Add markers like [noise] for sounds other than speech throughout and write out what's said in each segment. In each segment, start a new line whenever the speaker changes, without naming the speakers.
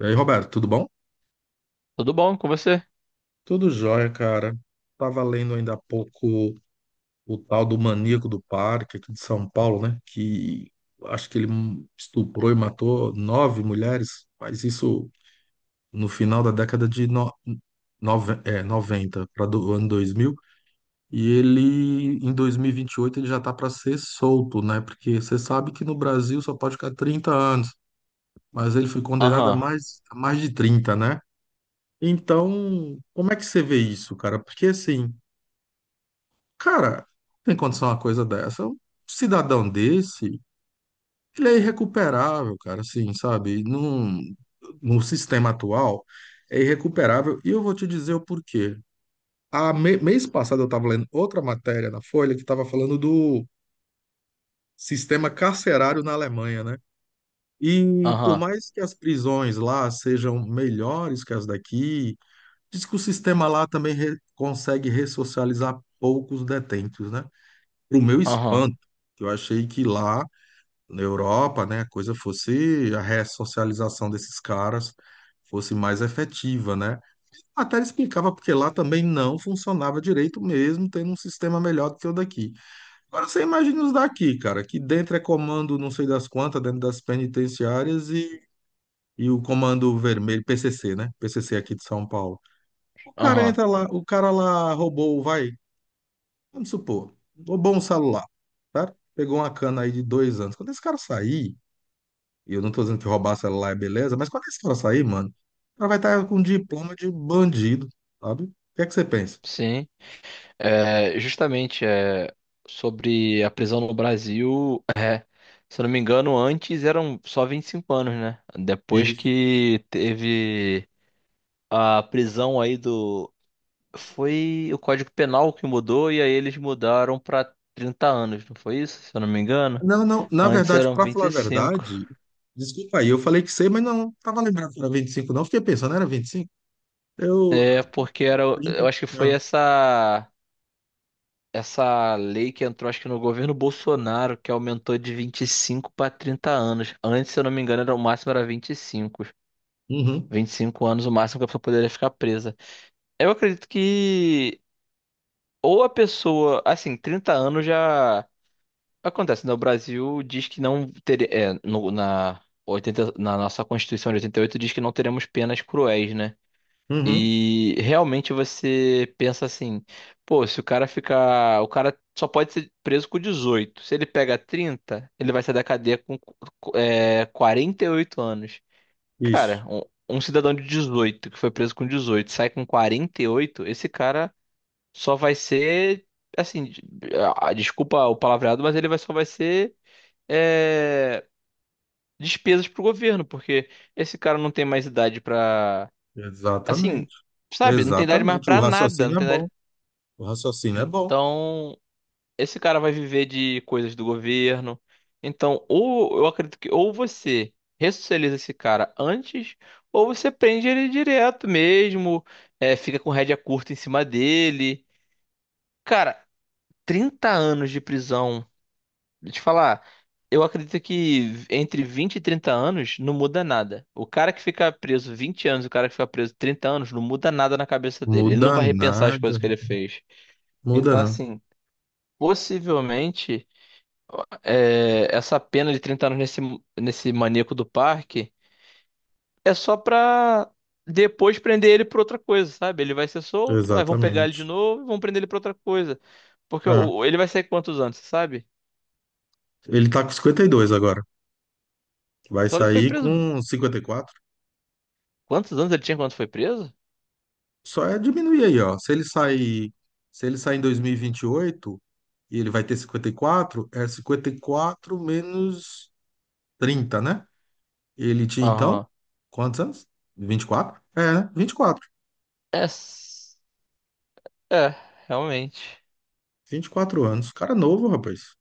E aí, Roberto, tudo bom?
Tudo bom com você?
Tudo jóia, cara. Tava lendo ainda há pouco o tal do maníaco do parque aqui de São Paulo, né? Que acho que ele estuprou e matou nove mulheres, mas isso no final da década de no... nove- é, 90 para do ano 2000. E ele, em dois mil e vinte e oito, ele já tá para ser solto, né? Porque você sabe que no Brasil só pode ficar 30 anos, mas ele foi condenado
Aham,
a mais de 30, né? Então, como é que você vê isso, cara? Porque assim, cara, tem condição uma coisa dessa. Um cidadão desse, ele é irrecuperável, cara, assim, sabe? No sistema atual, é irrecuperável. E eu vou te dizer o porquê. Mês passado eu estava lendo outra matéria na Folha que estava falando do sistema carcerário na Alemanha, né? E por
aham,
mais que as prisões lá sejam melhores que as daqui, diz que o sistema lá também consegue ressocializar poucos detentos, né? Para o meu
aham,
espanto, que eu achei que lá na Europa, né, a coisa fosse a ressocialização desses caras fosse mais efetiva, né? Até ele explicava porque lá também não funcionava direito mesmo, tendo um sistema melhor do que o daqui. Agora você imagina os daqui, cara, que dentro é comando não sei das quantas, dentro das penitenciárias e o comando vermelho, PCC, né? PCC aqui de São Paulo. O cara
aham.
entra lá, o cara lá roubou, vai, vamos supor, roubou um celular, tá? Pegou uma cana aí de 2 anos. Quando esse cara sair, e eu não tô dizendo que roubar celular é beleza, mas quando esse cara sair, mano, o cara vai estar com um diploma de bandido, sabe? O que é que você pensa?
Sim. É, justamente, sobre a prisão no Brasil, se eu não me engano, antes eram só 25 anos, né? Depois
Isso.
que teve a prisão aí do. Foi o Código Penal que mudou e aí eles mudaram para 30 anos, não foi isso? Se eu não me engano.
Não, não, na
Antes
verdade,
eram
pra
vinte
falar a
e cinco.
verdade, desculpa aí, eu falei que sei, mas não, tava lembrando que era 25 não, fiquei pensando, era 25? Eu,
É, porque era. Eu
30,
acho que foi
ah,
essa lei que entrou, acho que no governo Bolsonaro, que aumentou de 25 para 30 anos. Antes, se eu não me engano, era, o máximo era 25.
uhum,
25 anos, o máximo que a pessoa poderia ficar presa. Eu acredito que ou a pessoa, assim, 30 anos já acontece, né? O Brasil diz que não teria, na 80 na nossa Constituição de 88 diz que não teremos penas cruéis, né?
uhum,
E realmente você pensa assim, pô, se o cara ficar, o cara só pode ser preso com 18. Se ele pega 30, ele vai sair da cadeia com 48 anos.
isso.
Cara, um cidadão de 18 que foi preso com 18, sai com 48, esse cara só vai ser assim, de- ah, desculpa o palavreado, mas ele vai só vai ser é, despesas pro governo, porque esse cara não tem mais idade. Assim,
Exatamente,
sabe? Não tem idade mais
exatamente. O
pra nada. Não
raciocínio é
tem idade...
bom. O raciocínio é bom.
Então, esse cara vai viver de coisas do governo. Então, ou eu acredito que ou você ressocializa esse cara antes, ou você prende ele direto mesmo, fica com rédea curta em cima dele. Cara, 30 anos de prisão. Deixa eu te falar, eu acredito que entre 20 e 30 anos não muda nada. O cara que fica preso 20 anos, o cara que fica preso 30 anos, não muda nada na cabeça dele. Ele não
Muda
vai repensar as
nada.
coisas que ele fez.
Muda
Então,
não.
assim, possivelmente, essa pena de 30 anos nesse maníaco do parque é só pra depois prender ele por outra coisa, sabe? Ele vai ser solto, aí vão pegar ele de
Exatamente.
novo e vão prender ele por outra coisa. Porque
Ah,
ele vai sair quantos anos, você sabe?
ele tá com 52 agora. Vai
Então ele foi
sair
preso.
com 54.
Quantos anos ele tinha quando foi preso?
Só é diminuir aí, ó. Se ele sair, se ele sair em 2028, e ele vai ter 54. É 54 menos 30, né? Ele tinha então
Aham.
quantos anos? 24. É, né? vinte e quatro
É, s- é, realmente.
vinte e quatro anos. Cara novo, rapaz.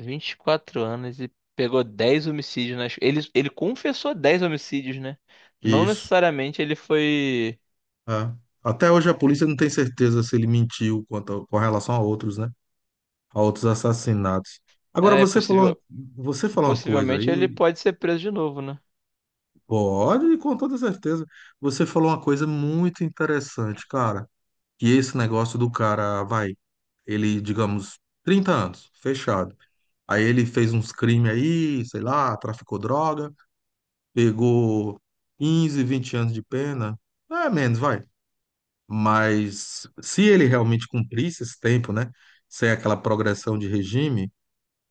Vinte e quatro anos e pegou 10 homicídios nas. Ele confessou 10 homicídios, né? Não
Isso.
necessariamente ele foi.
É. Até hoje a polícia não tem certeza se ele mentiu com relação a outros, né? A outros assassinatos. Agora
É,
você falou,
possível...
você falou uma coisa
Possivelmente ele
aí,
pode ser preso de novo, né?
pode, com toda certeza. Você falou uma coisa muito interessante, cara. Que esse negócio do cara, vai, ele, digamos, 30 anos, fechado. Aí ele fez uns crimes aí, sei lá, traficou droga, pegou 15, 20 anos de pena. É, menos, vai. Mas se ele realmente cumprisse esse tempo, né? Sem aquela progressão de regime,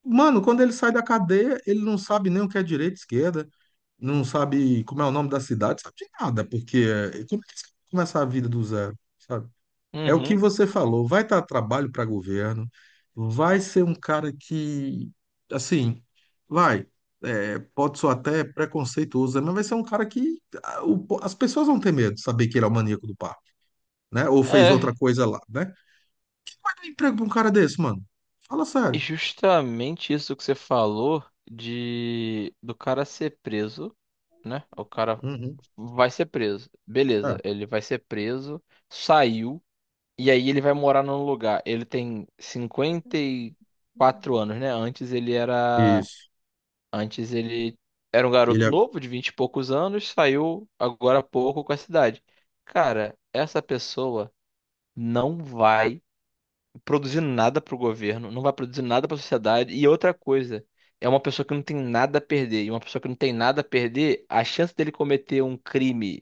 mano, quando ele sai da cadeia, ele não sabe nem o que é direita, esquerda, não sabe como é o nome da cidade, sabe de nada, porque é, como é que você vai começar a vida do zero, sabe? É o que
Uhum.
você falou, vai dar trabalho para governo, vai ser um cara que, assim, vai, é, pode soar até preconceituoso, né, mas vai ser um cara que ah, as pessoas vão ter medo de saber que ele é o maníaco do né? Ou fez outra
É,
coisa lá, né? Vai dar emprego pra um cara desse, mano. Fala
e
sério.
justamente isso que você falou de do cara ser preso, né? O cara
Uhum.
vai ser preso.
É,
Beleza, ele vai ser preso, saiu. E aí ele vai morar num lugar. Ele tem cinquenta e quatro anos, né? Antes ele era.
isso.
Antes ele era um
Ele
garoto
é.
novo, de 20 e poucos anos, saiu agora há pouco com a cidade. Cara, essa pessoa não vai produzir nada pro governo, não vai produzir nada pra sociedade. E outra coisa, é uma pessoa que não tem nada a perder. E uma pessoa que não tem nada a perder, a chance dele cometer um crime,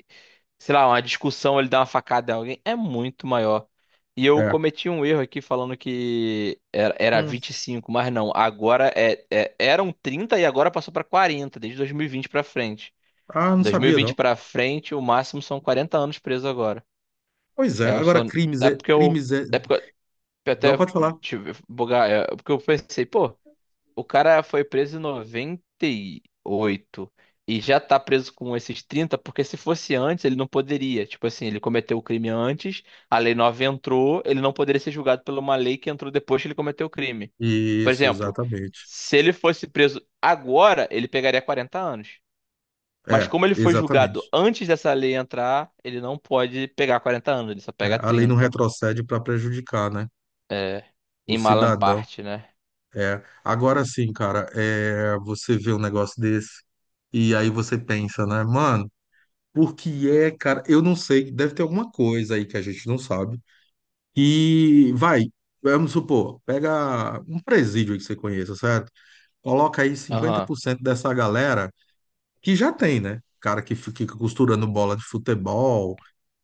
sei lá, uma discussão, ele dá uma facada em alguém, é muito maior. E eu
É.
cometi um erro aqui falando que era
Hum.
vinte e cinco, mas não, agora eram 30 e agora passou para 40 desde 2020 para frente.
Ah, não
Dois mil e
sabia,
vinte
não.
para frente, o máximo são 40 anos preso agora.
Pois
É,
é,
eu
agora
só
crimes
é
é.
porque eu
Crimes é.
é porque eu
Não
até
pode falar.
tive bugar, é porque eu pensei, pô, o cara foi preso em 98 e oito e já tá preso com esses 30 porque se fosse antes, ele não poderia. Tipo assim, ele cometeu o crime antes, a lei nova entrou, ele não poderia ser julgado por uma lei que entrou depois que ele cometeu o crime. Por
Isso,
exemplo,
exatamente.
se ele fosse preso agora, ele pegaria 40 anos. Mas
É,
como ele foi julgado
exatamente.
antes dessa lei entrar, ele não pode pegar 40 anos, ele só
É,
pega
a lei não
trinta.
retrocede para prejudicar, né?
É,
O
em Malam
cidadão.
parte, né?
É. Agora sim, cara, é, você vê um negócio desse e aí você pensa, né, mano, por que é, cara? Eu não sei, deve ter alguma coisa aí que a gente não sabe. E vai, vamos supor, pega um presídio aí que você conheça, certo? Coloca aí cinquenta
Aham.
por cento dessa galera que já tem, né? Cara que fica costurando bola de futebol,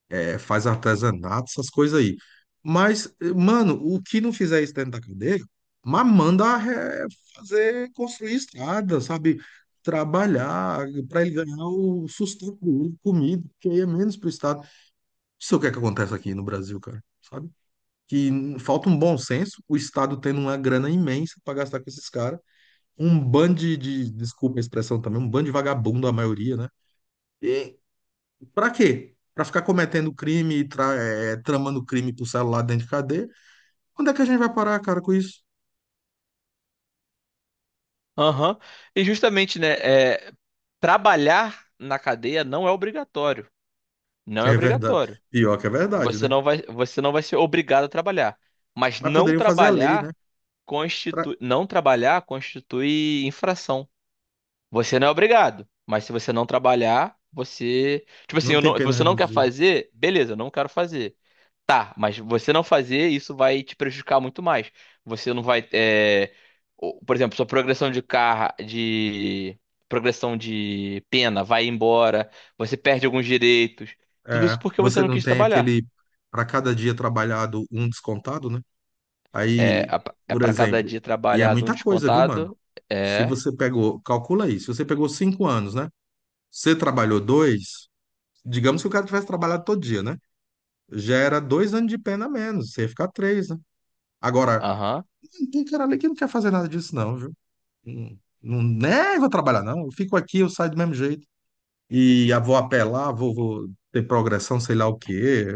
é, faz artesanato, essas coisas aí. Mas, mano, o que não fizer isso dentro da cadeia, mas manda é, fazer, construir estrada, sabe? Trabalhar para ele ganhar o sustento, comida, que aí é menos pro Estado. Isso é o que é que acontece aqui no Brasil, cara, que falta um bom senso, o Estado tendo uma grana imensa para gastar com esses caras, um bando desculpa a expressão também, um bando de vagabundo, a maioria, né? E para quê? Para ficar cometendo crime e tramando crime pro celular dentro de cadeia? Quando é que a gente vai parar, cara, com isso?
Aham. E justamente, né? é, Trabalhar na cadeia não é obrigatório.
[laughs]
Não é
É verdade.
obrigatório.
Pior que é verdade,
Você
né?
não vai, você não vai ser obrigado a trabalhar. Mas
Mas poderiam fazer a lei, né? Pra-
não trabalhar constitui infração. Você não é obrigado, mas se você não trabalhar, você, tipo assim,
Não
eu
tem
não- se
pena
você não quer
reduzida.
fazer, beleza, eu não quero fazer. Tá, mas você não fazer isso vai te prejudicar muito mais. Você não vai, é, o- Por exemplo, sua progressão de pena vai embora, você perde alguns direitos. Tudo
É,
isso porque você
você
não
não
quis
tem
trabalhar.
aquele, para cada dia trabalhado, um descontado, né?
É,
Aí,
a- é
por
para cada
exemplo,
dia
e é
trabalhado um
muita coisa, viu, mano?
descontado.
Se
É,
você pegou, calcula aí, se você pegou 5 anos, né? Você trabalhou dois, digamos que o cara tivesse trabalhado todo dia, né? Já era 2 anos de pena a menos, você ia ficar três, né? Agora,
aham.
tem cara ali que não quer fazer nada disso, não, viu? Não, não, né, vou trabalhar, não. Eu fico aqui, eu saio do mesmo jeito. E vou apelar, vou ter progressão, sei lá o quê.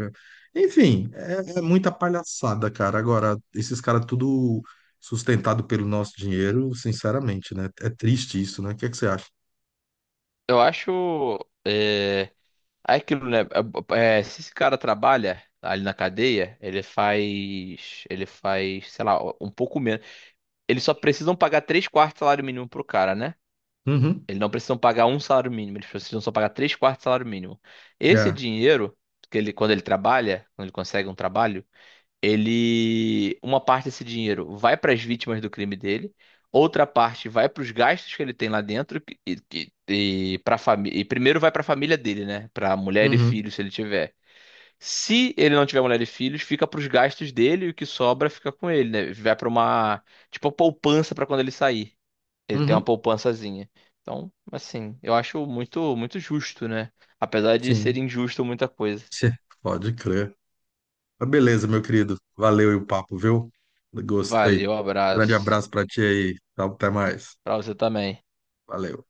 Enfim, é muita palhaçada, cara. Agora, esses caras tudo sustentado pelo nosso dinheiro, sinceramente, né? É triste isso, né? O que é que você acha?
Eu acho, é, é aquilo, né? Se esse cara trabalha ali na cadeia, ele faz, sei lá, um pouco menos. Eles só precisam pagar três quartos de salário mínimo pro cara, né?
Uhum.
Eles não precisam pagar um salário mínimo, eles precisam só pagar três quartos de salário mínimo. Esse
É.
dinheiro, que ele, quando ele trabalha, quando ele consegue um trabalho, ele. Uma parte desse dinheiro vai para as vítimas do crime dele, outra parte vai para os gastos que ele tem lá dentro, para família. E primeiro vai para a família dele, né? Para mulher e
Uhum.
filhos, se ele tiver. Se ele não tiver mulher e filhos, fica para os gastos dele e o que sobra fica com ele, né? Vai para uma, tipo, poupança para quando ele sair. Ele tem uma
Uhum.
poupançazinha. Então, assim, eu acho muito justo, né? Apesar de ser
Sim. [laughs]
injusto muita coisa.
Tchê, pode crer. Mas beleza, meu querido. Valeu aí o papo, viu? Gostei.
Valeu,
Grande
abraço.
abraço pra ti aí. Até mais.
Pra você também.
Valeu.